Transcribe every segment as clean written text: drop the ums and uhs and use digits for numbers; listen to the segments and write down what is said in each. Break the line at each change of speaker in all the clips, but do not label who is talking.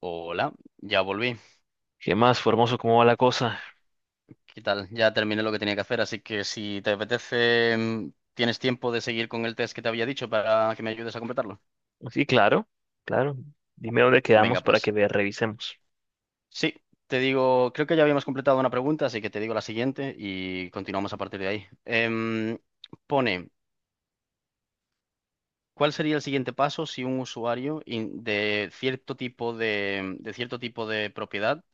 Hola, ya volví.
¿Qué más, Formoso? ¿Cómo va la cosa?
¿Qué tal? Ya terminé lo que tenía que hacer, así que si te apetece, tienes tiempo de seguir con el test que te había dicho para que me ayudes a completarlo.
Sí, claro, claro. Dime dónde quedamos
Venga,
para que
pues.
vea, revisemos.
Sí, te digo, creo que ya habíamos completado una pregunta, así que te digo la siguiente y continuamos a partir de ahí. Pone, ¿cuál sería el siguiente paso si un de cierto tipo de cierto tipo de propiedad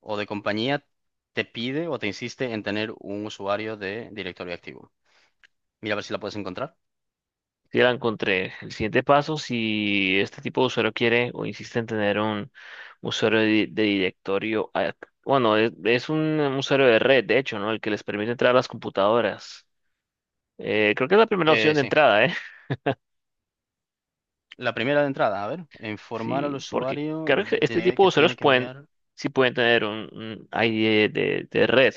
o de compañía te pide o te insiste en tener un usuario de directorio activo? Mira a ver si la puedes encontrar.
Sí, la encontré. El siguiente paso, si este tipo de usuario quiere o insiste en tener un usuario de directorio, bueno, es un usuario de red, de hecho, ¿no? El que les permite entrar a las computadoras. Creo que es la primera opción de
Sí.
entrada, ¿eh?
La primera de entrada, a ver, informar al
Sí, porque
usuario
creo que este
de
tipo de
que
usuarios
tiene que
pueden,
enviar.
sí pueden tener un ID de red.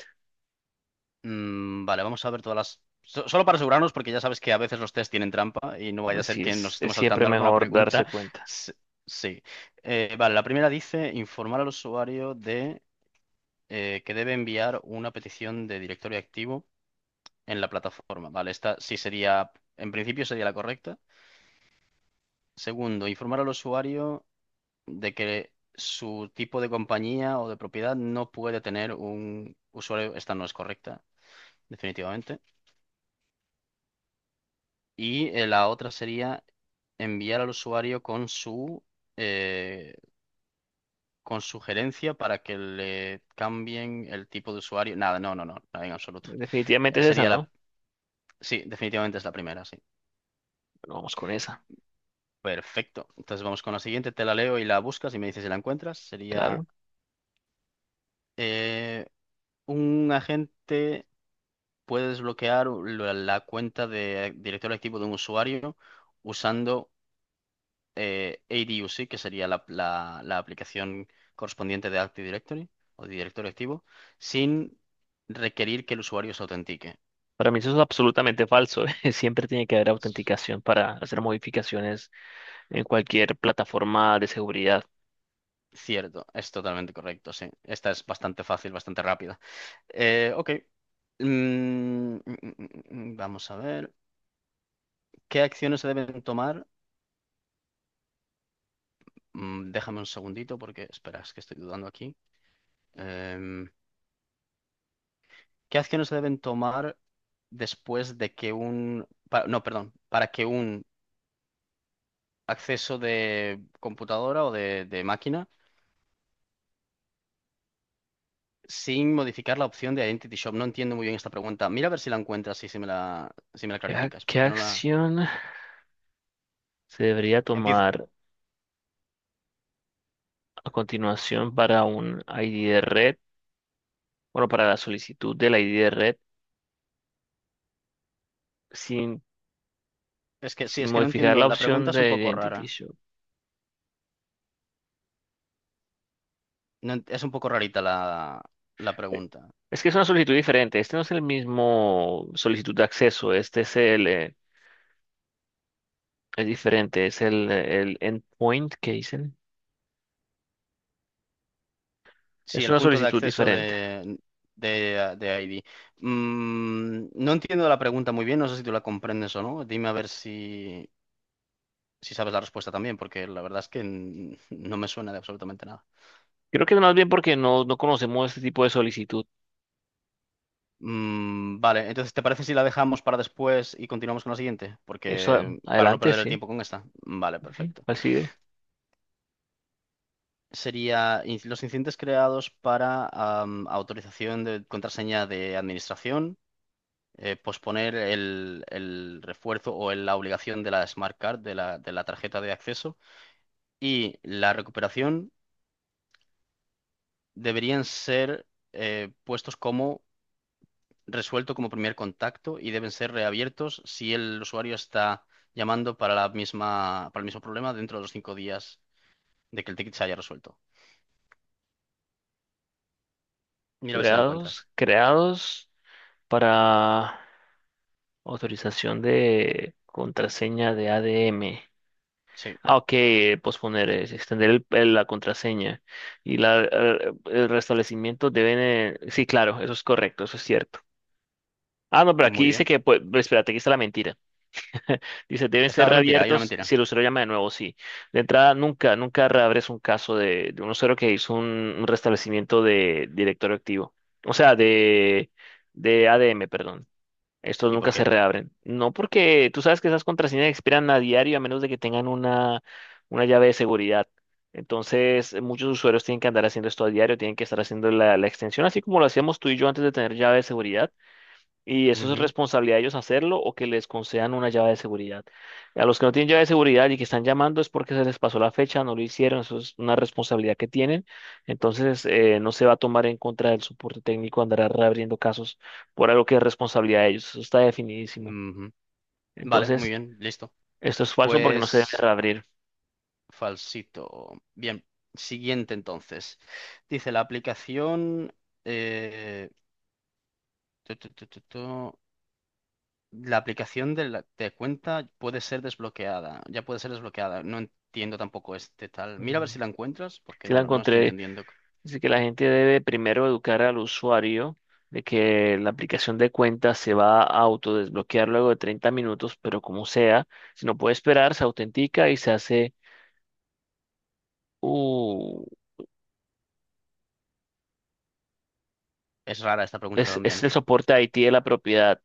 Vale, vamos a ver todas las. Solo para asegurarnos, porque ya sabes que a veces los test tienen trampa y no vaya a
Pues
ser
sí,
que nos
es
estemos
siempre
saltando alguna
mejor darse
pregunta.
cuenta.
S- Sí. Vale, la primera dice informar al usuario de que debe enviar una petición de directorio activo en la plataforma. Vale, esta sí sería, en principio sería la correcta. Segundo, informar al usuario de que su tipo de compañía o de propiedad no puede tener un usuario. Esta no es correcta, definitivamente. Y la otra sería enviar al usuario con su, eh, con su gerencia para que le cambien el tipo de usuario. Nada, no, no, no, nada en absoluto.
Definitivamente es esa,
Sería la...
¿no?
Sí, definitivamente es la primera, sí.
Bueno, vamos con esa,
Perfecto. Entonces vamos con la siguiente, te la leo y la buscas y me dices si la encuentras. Sería
claro.
eh, un agente puede desbloquear la cuenta de directorio activo de un usuario usando ADUC, que sería la aplicación correspondiente de Active Directory o de directorio activo, sin requerir que el usuario se autentique.
Para mí eso es absolutamente falso. Siempre tiene que haber autenticación para hacer modificaciones en cualquier plataforma de seguridad.
Cierto, es totalmente correcto, sí. Esta es bastante fácil, bastante rápida. Ok. Mm, mm, mm, vamos a ver. ¿Qué acciones se deben tomar? Déjame un segundito porque, espera, es que estoy dudando aquí. Em, ¿Qué acciones se deben tomar después de que un... no, perdón, para que un acceso de computadora o de máquina sin modificar la opción de Identity Shop? No entiendo muy bien esta pregunta. Mira a ver si la encuentras y si me la, si me la
¿Qué, ac-
clarificas,
qué
porque no la...
acción se debería
Empiezo...
tomar a continuación para un ID de red? Bueno, para la solicitud del ID de red sin,
Es que sí,
sin
es que no
modificar
entiendo.
la
La
opción
pregunta es un
de
poco
Identity
rara.
Show.
No ent- es un poco rarita la
Eh,
pregunta.
Es que es una solicitud diferente. Este no es el mismo solicitud de acceso. Este es es diferente, es el endpoint que dicen.
Sí,
Es
el
una
punto de
solicitud
acceso
diferente.
de ID. No entiendo la pregunta muy bien, no sé si tú la comprendes o no. Dime a ver si, si sabes la respuesta también, porque la verdad es que no me suena de absolutamente nada.
Creo que más bien porque no, no conocemos este tipo de solicitud.
Vale, entonces, ¿te parece si la dejamos para después y continuamos con la siguiente? Porque para no
Adelante,
perder el
sí.
tiempo con esta. Vale,
Sí,
perfecto.
así de
Sería los incidentes creados para autorización de contraseña de administración, posponer el refuerzo o la obligación de la Smart Card, de la tarjeta de acceso, y la recuperación deberían ser puestos como resuelto como primer contacto y deben ser reabiertos si el usuario está llamando para la misma, para el mismo problema dentro de los cinco días de que el ticket se haya resuelto. Mira a ver si la
creados,
encuentras.
creados para autorización de contraseña de ADM.
Sí,
Ah, ok, posponer es extender la contraseña y el restablecimiento deben... sí, claro, eso es correcto, eso es cierto. Ah, no, pero aquí
muy
dice
bien.
que, pues, espérate, aquí está la mentira. Dice, deben
Esta
ser
es mentira, hay una
reabiertos
mentira.
si el usuario llama de nuevo, sí. De entrada, nunca, nunca reabres un caso de un usuario que hizo un restablecimiento de directorio activo. O sea, de ADM, perdón. Estos
¿Y por
nunca se
qué?
reabren. No porque tú sabes que esas contraseñas expiran a diario a menos de que tengan una llave de seguridad. Entonces, muchos usuarios tienen que andar haciendo esto a diario, tienen que estar haciendo la extensión, así como lo hacíamos tú y yo antes de tener llave de seguridad. Y eso es
Ujú,
responsabilidad de ellos hacerlo o que les concedan una llave de seguridad. A los que no tienen llave de seguridad y que están llamando es porque se les pasó la fecha, no lo hicieron, eso es una responsabilidad que tienen. Entonces, no se va a tomar en contra del soporte técnico andar reabriendo casos por algo que es responsabilidad de ellos. Eso está definidísimo.
ujú. Vale, muy
Entonces,
bien, listo.
esto es falso porque no se debe
Pues
reabrir.
falsito. Bien, siguiente entonces. Dice la aplicación... eh, tu, tu, tu, tu, tu. La aplicación de cuenta puede ser desbloqueada, ya puede ser desbloqueada. No entiendo tampoco este tal. Mira a ver
Mm,
si la encuentras, porque
sí,
no,
la
no estoy
encontré.
entendiendo.
Así que la gente debe primero educar al usuario de que la aplicación de cuenta se va a autodesbloquear luego de 30 minutos, pero como sea, si no puede esperar, se autentica y se hace, uh,
Es rara esta pregunta también,
es
¿eh?
el soporte IT de la propiedad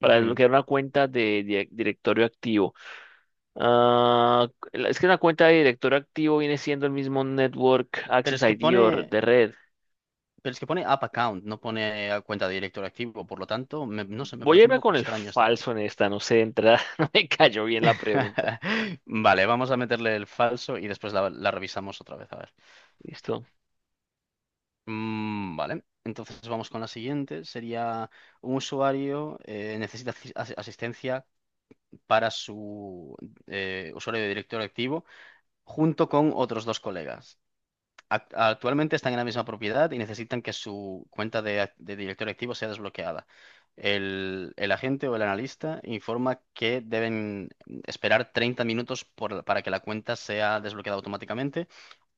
para
Ujú.
desbloquear una cuenta de, directorio activo. Ah, es que una cuenta de directorio activo viene siendo el mismo Network
Pero
Access
es que
ID o
pone,
de red.
pero es que pone app account, no pone a cuenta de director activo, por lo tanto, no sé, me
Voy a
parece un
irme
poco
con el
extraña esta pregunta.
falso en esta, no sé, de entrada, no me cayó bien la pregunta.
Vale, vamos a meterle el falso y después la revisamos otra vez, a ver.
Listo.
Vale, entonces vamos con la siguiente. Sería un usuario necesita asistencia para su usuario de directorio activo junto con otros dos colegas. Actualmente están en la misma propiedad y necesitan que su cuenta de directorio activo sea desbloqueada. El agente o el analista informa que deben esperar 30 minutos por para que la cuenta sea desbloqueada automáticamente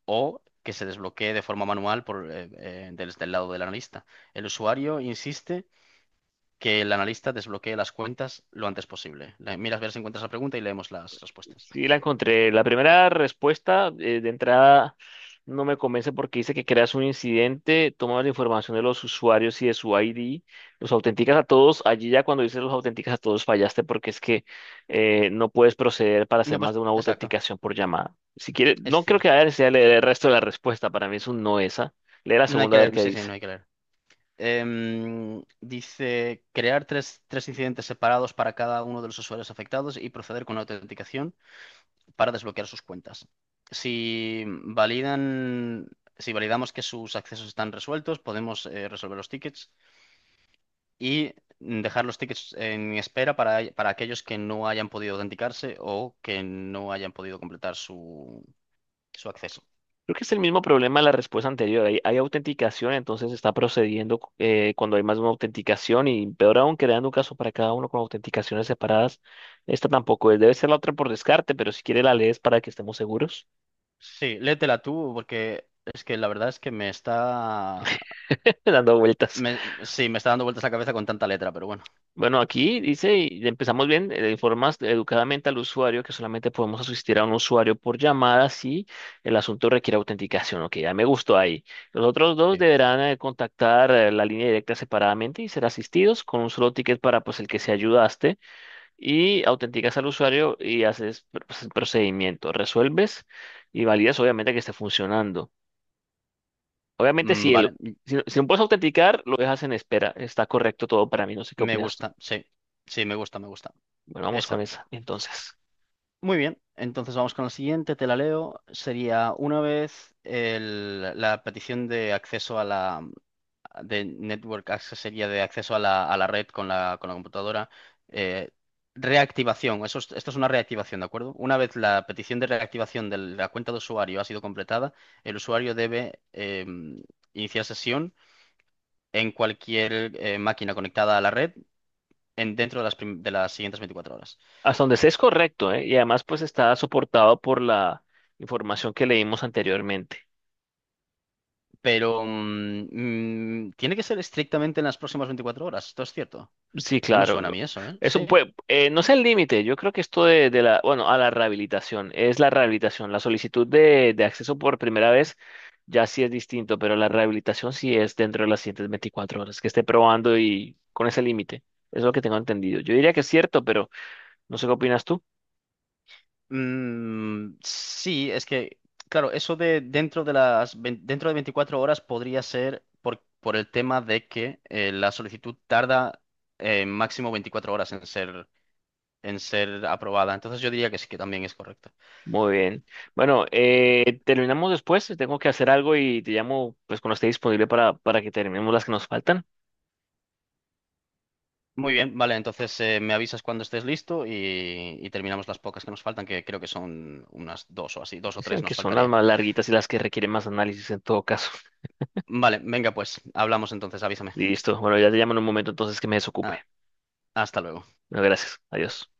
o que se desbloquee de forma manual por, desde el lado del analista. El usuario insiste que el analista desbloquee las cuentas lo antes posible. Miras a ver si encuentras la pregunta y leemos las respuestas.
Sí, la encontré. La primera respuesta de entrada no me convence porque dice que creas un incidente, tomas la información de los usuarios y de su ID, los autenticas a todos. Allí ya cuando dices los autenticas a todos fallaste porque es que no puedes proceder para hacer
No,
más
pues
de una
exacto,
autenticación por llamada. Si quieres,
es
no creo que
cierto.
haya necesidad de leer el resto de la respuesta. Para mí es un no esa. Lee la
No hay
segunda
que
a ver
leer,
qué
sí, sí,
dice.
no hay que leer. Dice crear tres, tres incidentes separados para cada uno de los usuarios afectados y proceder con la autenticación para desbloquear sus cuentas. Si validan, si validamos que sus accesos están resueltos, podemos resolver los tickets y dejar los tickets en espera para aquellos que no hayan podido autenticarse o que no hayan podido completar su acceso.
Creo que es el mismo problema de la respuesta anterior. Hay autenticación, entonces está procediendo cuando hay más de una autenticación y peor aún creando un caso para cada uno con autenticaciones separadas. Esta tampoco es. Debe ser la otra por descarte, pero si quiere la lees para que estemos seguros,
Sí, léetela tú, porque es que la verdad es que me está...
dando vueltas.
sí, me está dando vueltas la cabeza con tanta letra, pero bueno.
Bueno, aquí dice, y empezamos bien, informas educadamente al usuario que solamente podemos asistir a un usuario por llamada si el asunto requiere autenticación. Ok, ya me gustó ahí. Los otros dos
Sí.
deberán contactar la línea directa separadamente y ser asistidos con un solo ticket para pues el que se ayudaste y autenticas al usuario y haces pues, el procedimiento. Resuelves y validas obviamente que esté funcionando. Obviamente si el...
Vale,
Si, no, si no puedes autenticar, lo dejas en espera. Está correcto todo para mí. No sé qué
me
opinas tú.
gusta, sí. Sí, me gusta, me gusta.
Bueno, vamos con
Esa.
esa, entonces.
Muy bien, entonces vamos con la siguiente, te la leo. Sería una vez la petición de acceso a la, de network access sería de acceso a la red con la computadora. Eh, reactivación, esto es una reactivación, ¿de acuerdo? Una vez la petición de reactivación de la cuenta de usuario ha sido completada, el usuario debe iniciar sesión en cualquier máquina conectada a la red. Dentro de las, de las siguientes 24 horas.
Hasta donde sé es correcto, ¿eh? Y además, pues está soportado por la información que leímos anteriormente.
Pero tiene que ser estrictamente en las próximas 24 horas. Esto es cierto.
Sí,
No me
claro,
suena a
no.
mí eso, ¿eh?
Eso
Sí.
puede, no es el límite. Yo creo que esto de a la rehabilitación, es la rehabilitación. La solicitud de acceso por primera vez ya sí es distinto, pero la rehabilitación sí es dentro de las siguientes 24 horas, que esté probando y con ese límite. Es lo que tengo entendido. Yo diría que es cierto, pero no sé qué opinas tú.
Sí, es que, claro, eso de dentro de 24 horas podría ser por el tema de que la solicitud tarda máximo 24 horas en ser aprobada. Entonces yo diría que sí que también es correcto.
Muy bien. Bueno, terminamos después. Tengo que hacer algo y te llamo pues cuando esté disponible para que terminemos las que nos faltan.
Muy bien, vale, entonces me avisas cuando estés listo y terminamos las pocas que nos faltan, que creo que son unas dos o así, dos o
Sí,
tres
que
nos
son las
faltaría.
más larguitas y las que requieren más análisis en todo caso.
Vale, venga pues, hablamos entonces, avísame.
Listo. Bueno, ya te llamo en un momento entonces que me desocupe.
Ah, hasta luego.
Bueno, gracias. Adiós.